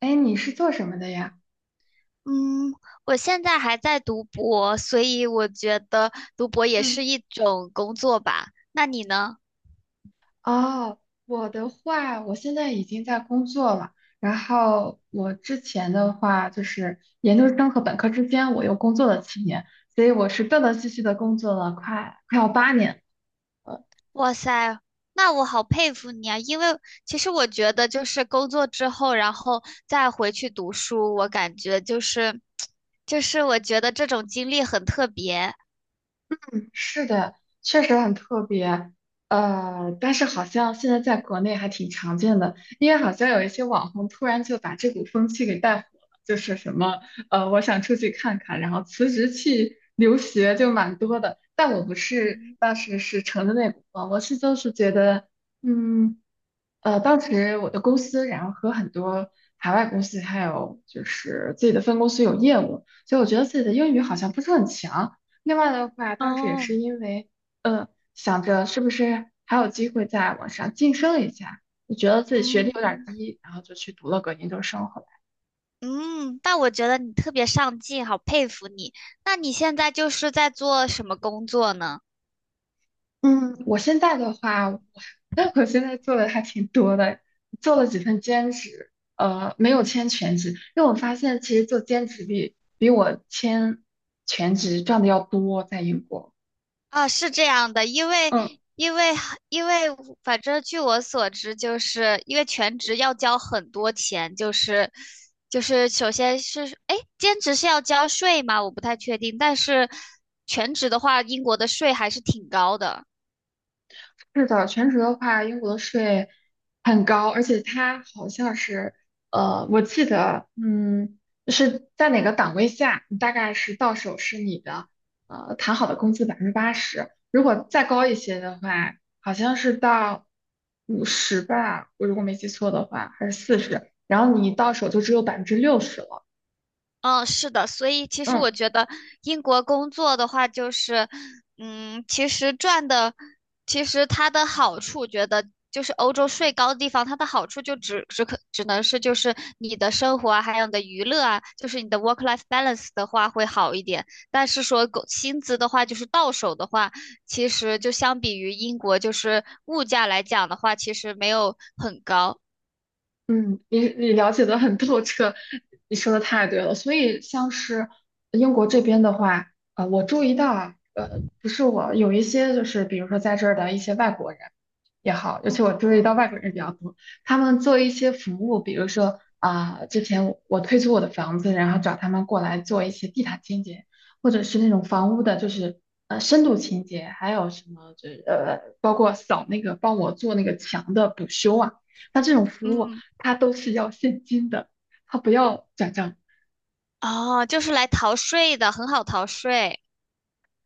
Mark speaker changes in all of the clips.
Speaker 1: 哎，你是做什么的呀？
Speaker 2: 嗯，我现在还在读博，所以我觉得读博也
Speaker 1: 嗯。
Speaker 2: 是一种工作吧。那你呢？
Speaker 1: 哦，我的话，我现在已经在工作了。然后我之前的话，就是研究生和本科之间，我又工作了7年，所以我是断断续续的工作了快要8年。
Speaker 2: 哇塞，那我好佩服你啊！因为其实我觉得，就是工作之后，然后再回去读书，我感觉就是，就是我觉得这种经历很特别。
Speaker 1: 嗯，是的，确实很特别。但是好像现在在国内还挺常见的，因为好像有一些网红突然就把这股风气给带火了，就是什么，我想出去看看，然后辞职去留学就蛮多的，但我不是
Speaker 2: 嗯，
Speaker 1: 当时是乘着那股风，我是就是觉得，嗯。当时我的公司，然后和很多海外公司，还有就是自己的分公司有业务，所以我觉得自己的英语好像不是很强。另外的话，当时也
Speaker 2: 哦，
Speaker 1: 是因为，呃，想着是不是还有机会再往上晋升一下，就觉得自己学历
Speaker 2: 嗯
Speaker 1: 有点低，然后就去读了个研究生。
Speaker 2: 嗯，但我觉得你特别上进，好佩服你。那你现在就是在做什么工作呢？
Speaker 1: 嗯，我现在的话，我 我现在做的还挺多的，做了几份兼职，没有签全职，因为我发现其实做兼职比我签全职赚的要多，在英国。
Speaker 2: 啊，是这样的，
Speaker 1: 嗯。
Speaker 2: 因为因为，反正据我所知，就是因为全职要交很多钱，就是首先是，哎，兼职是要交税吗？我不太确定，但是全职的话，英国的税还是挺高的。
Speaker 1: 是的，全职的话，英国的税很高，而且它好像是，我记得，嗯，是在哪个档位下，你大概是到手是你的，谈好的工资80%，如果再高一些的话，好像是到50吧，我如果没记错的话，还是40，然后你到手就只有60%了。
Speaker 2: 嗯，是的，所以其实
Speaker 1: 嗯。
Speaker 2: 我觉得英国工作的话，就是，其实赚的，其实它的好处，觉得就是欧洲税高的地方，它的好处就只能是就是你的生活啊，还有你的娱乐啊，就是你的 work life balance 的话会好一点。但是说狗薪资的话，就是到手的话，其实就相比于英国，就是物价来讲的话，其实没有很高。
Speaker 1: 嗯，你了解的很透彻，你说的太对了。所以像是英国这边的话，我注意到啊，不是我有一些就是比如说在这儿的一些外国人也好，尤
Speaker 2: 嗯
Speaker 1: 其我注意
Speaker 2: 嗯
Speaker 1: 到外国人比较多，他们做一些服务，比如说啊、之前我退租我的房子，然后找他们过来做一些地毯清洁，或者是那种房屋的，就是深度清洁，还有什么就是包括扫那个帮我做那个墙的补修啊。那这种服务。
Speaker 2: 嗯，
Speaker 1: 他都是要现金的，他不要转账。
Speaker 2: 哦，就是来逃税的，很好逃税。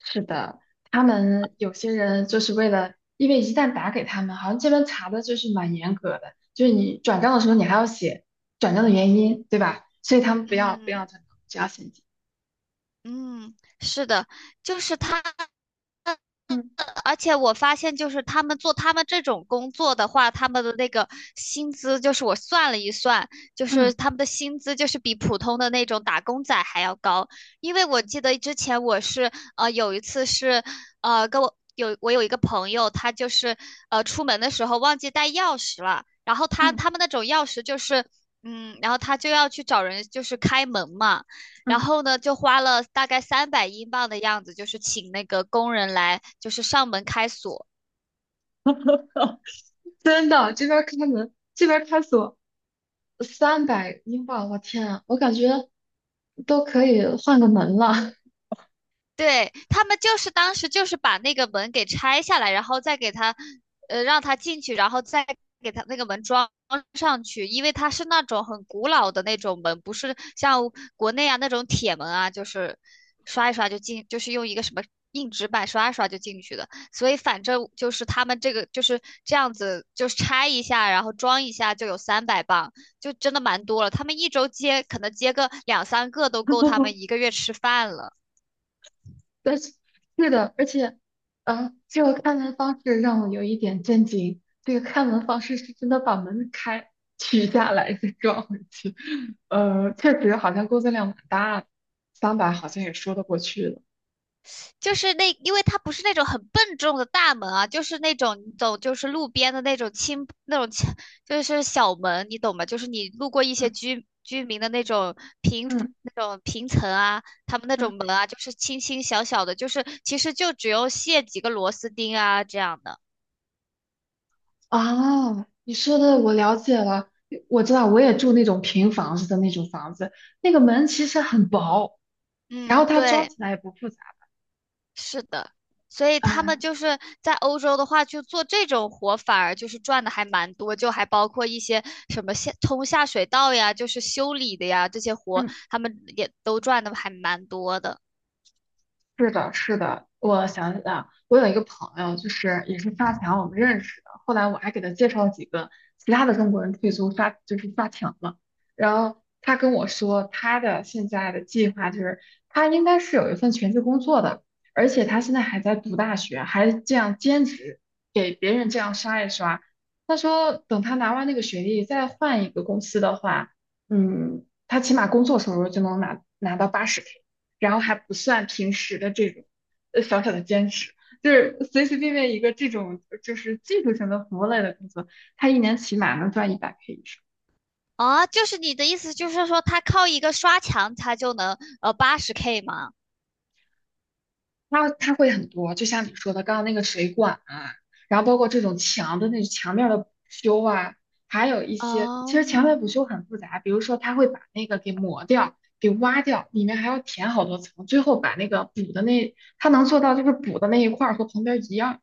Speaker 1: 是的，他们有些人就是为了，因为一旦打给他们，好像这边查的就是蛮严格的，就是你转账的时候你还要写转账的原因，对吧？所以他们不要不
Speaker 2: 嗯
Speaker 1: 要转账，只要现金。
Speaker 2: 嗯，是的，就是他，
Speaker 1: 嗯，
Speaker 2: 而且我发现，就是他们做他们这种工作的话，他们的那个薪资，就是我算了一算，就是
Speaker 1: 嗯，
Speaker 2: 他们的薪资就是比普通的那种打工仔还要高。因为我记得之前有一次是呃跟我有我有一个朋友，他就是出门的时候忘记带钥匙了，然后他
Speaker 1: 嗯，
Speaker 2: 他们那种钥匙就是然后他就要去找人就是开门嘛。然
Speaker 1: 嗯。
Speaker 2: 后呢，就花了大概300英镑的样子，就是请那个工人来，就是上门开锁。
Speaker 1: 真的，这边开门，这边开锁，300英镑，我天啊，我感觉都可以换个门了。
Speaker 2: 对，他们就是当时就是把那个门给拆下来，然后再给他，让他进去，然后再给他那个门装上去，因为它是那种很古老的那种门，不是像国内啊那种铁门啊，就是刷一刷就进，就是用一个什么硬纸板刷一刷就进去的。所以反正就是他们这个就是这样子，就是拆一下，然后装一下就有300磅，就真的蛮多了。他们一周接可能接个两三个都够他 们一个月吃饭了。
Speaker 1: 但是 是的，而且，这个开门方式让我有一点震惊。这个开门方式是真的把门开取下来再装回去。确实好像工作量蛮大的，三百好像也说得过去了。
Speaker 2: 就是那，因为它不是那种很笨重的大门啊，就是那种你走就是路边的那种轻那种轻就是小门，你懂吗？就是你路过一些
Speaker 1: 嗯，
Speaker 2: 居民的那种
Speaker 1: 嗯，
Speaker 2: 平层啊，他们那
Speaker 1: 嗯。
Speaker 2: 种门啊，就是轻轻小小的，就是其实就只有卸几个螺丝钉啊这样的。
Speaker 1: 啊，你说的我了解了，我知道，我也住那种平房子的那种房子，那个门其实很薄，然后
Speaker 2: 嗯，
Speaker 1: 它装
Speaker 2: 对。
Speaker 1: 起来也不复杂
Speaker 2: 是的，所以他们
Speaker 1: 啊。
Speaker 2: 就是在欧洲的话，就做这种活，反而就是赚的还蛮多，就还包括一些什么下水道呀，就是修理的呀，这些活
Speaker 1: 嗯，
Speaker 2: 他们也都赚的还蛮多的。
Speaker 1: 是的，是的，我想起来了，我有一个朋友，就是也是发卡我们认识的，后来我还给他介绍几个其他的中国人退租发，就是发卡嘛。然后他跟我说，他的现在的计划就是他应该是有一份全职工作的，而且他现在还在读大学，还这样兼职给别人这样刷一刷。他说，等他拿完那个学历，再换一个公司的话，嗯，他起码工作收入就能拿到80K。然后还不算平时的这种小小的兼职，就是随随便便一个这种就是技术型的服务类的工作，他一年起码能赚100K 以上。
Speaker 2: 啊，就是你的意思就是说，他靠一个刷墙，他就能八十 K 吗？
Speaker 1: 他会很多，就像你说的，刚刚那个水管啊，然后包括这种墙的那墙面的补修啊，还有一些
Speaker 2: 哦，
Speaker 1: 其实墙面补修很复杂，比如说他会把那个给磨掉。给挖掉，里面还要填好多层，最后把那个补的那，他能做到就是补的那一块儿和旁边一样。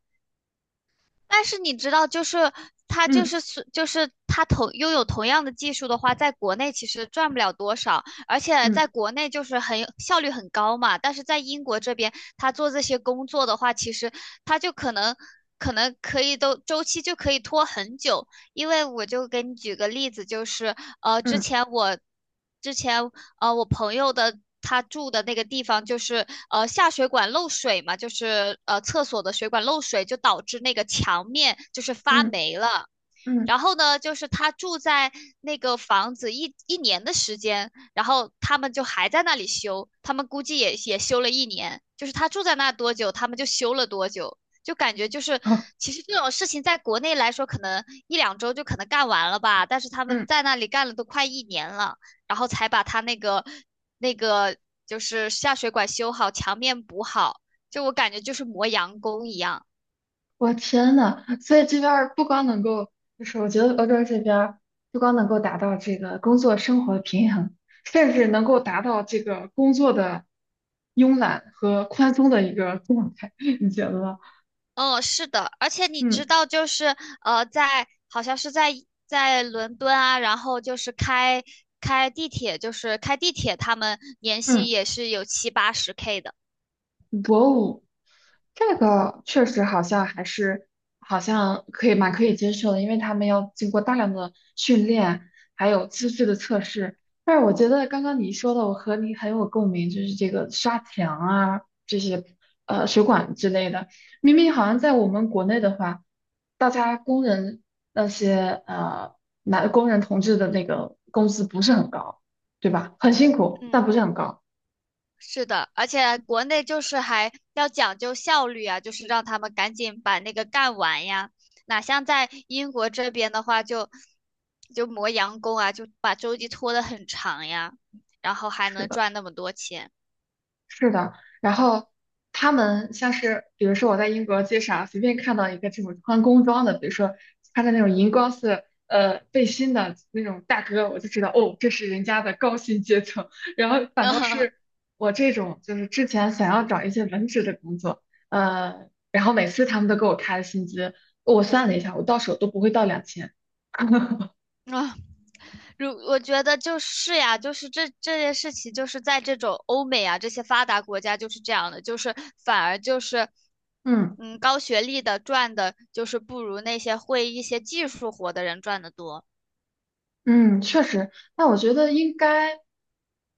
Speaker 2: 但是你知道，就是他就是是就是他同拥有同样的技术的话，在国内其实赚不了多少，而且
Speaker 1: 嗯，
Speaker 2: 在国内就是很效率很高嘛。但是在英国这边，他做这些工作的话，其实他就可能可能可以都周期就可以拖很久，因为我就给你举个例子，就是呃，之
Speaker 1: 嗯，
Speaker 2: 前我之前，我朋友的他住的那个地方就是下水管漏水嘛，就是厕所的水管漏水，就导致那个墙面就是发
Speaker 1: 嗯，
Speaker 2: 霉了。
Speaker 1: 嗯，嗯，嗯。
Speaker 2: 然后呢，就是他住在那个房子一年的时间，然后他们就还在那里修，他们估计也修了一年，就是他住在那多久，他们就修了多久，就感觉就是
Speaker 1: 嗯。
Speaker 2: 其实这种事情在国内来说，可能一两周就可能干完了吧，但是他们
Speaker 1: 嗯，
Speaker 2: 在那里干了都快一年了，然后才把他那个那个就是下水管修好，墙面补好，就我感觉就是磨洋工一样。
Speaker 1: 我天呐，所以这边儿不光能够，就是我觉得欧洲这边儿不光能够达到这个工作生活平衡，甚至能够达到这个工作的慵懒和宽松的一个状态，你觉得吗？
Speaker 2: 嗯，是的，而且你知
Speaker 1: 嗯。
Speaker 2: 道，就是在好像是在伦敦啊，然后就是开地铁，他们年薪
Speaker 1: 嗯。
Speaker 2: 也是有70~80K 的。
Speaker 1: 博物，这个确实好像还是好像可以蛮可以接受的，因为他们要经过大量的训练，还有资质的测试。但是我觉得刚刚你说的，我和你很有共鸣，就是这个刷墙啊，这些水管之类的，明明好像在我们国内的话，大家工人那些男工人同志的那个工资不是很高，对吧？很辛苦，但
Speaker 2: 嗯
Speaker 1: 不是很高。
Speaker 2: 是的，而且国内就是还要讲究效率啊，就是让他们赶紧把那个干完呀。哪像在英国这边的话就，就磨洋工啊，就把周期拖得很长呀，然后还
Speaker 1: 是
Speaker 2: 能
Speaker 1: 的。
Speaker 2: 赚那么多钱。
Speaker 1: 是的，然后他们像是，比如说我在英国街上随便看到一个这种穿工装的，比如说穿着那种荧光色背心的那种大哥，我就知道哦，这是人家的高薪阶层。然后反倒是 我这种，就是之前想要找一些文职的工作，然后每次他们都给我开的薪资，我算了一下，我到手都不会到2000。
Speaker 2: 啊，如我觉得就是呀，就是这件事情，就是在这种欧美啊这些发达国家就是这样的，就是反而就是，
Speaker 1: 嗯。
Speaker 2: 高学历的赚的，就是不如那些会一些技术活的人赚的多。
Speaker 1: 嗯，确实，那我觉得应该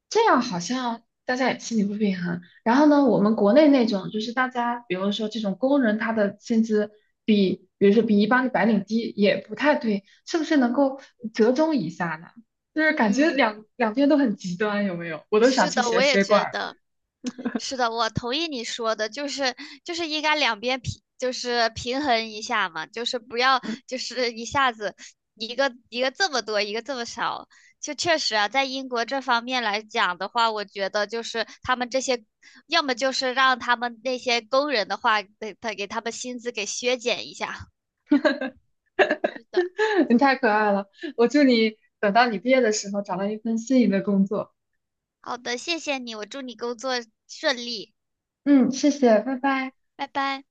Speaker 1: 这样，好像大家也心里不平衡。然后呢，我们国内那种就是大家，比如说这种工人，他的薪资比，比如说比一般的白领低，也不太对，是不是能够折中一下呢？就是感觉
Speaker 2: 嗯。
Speaker 1: 两边都很极端，有没有？我都想
Speaker 2: 是
Speaker 1: 去
Speaker 2: 的，
Speaker 1: 学
Speaker 2: 我也
Speaker 1: 水管
Speaker 2: 觉
Speaker 1: 儿
Speaker 2: 得，是的，我同意你说的，就是应该两边平，就是平衡一下嘛，就是不要
Speaker 1: 了。
Speaker 2: 就是一下子一个一个这么多，一个这么少。就确实啊，在英国这方面来讲的话，我觉得就是他们这些，要么就是让他们那些工人的话，给他们薪资给削减一下。是的，
Speaker 1: 你太可爱了。我祝你等到你毕业的时候找到一份心仪的工作。
Speaker 2: 好的，谢谢你，我祝你工作顺利，
Speaker 1: 嗯，谢谢，拜拜。
Speaker 2: 拜拜。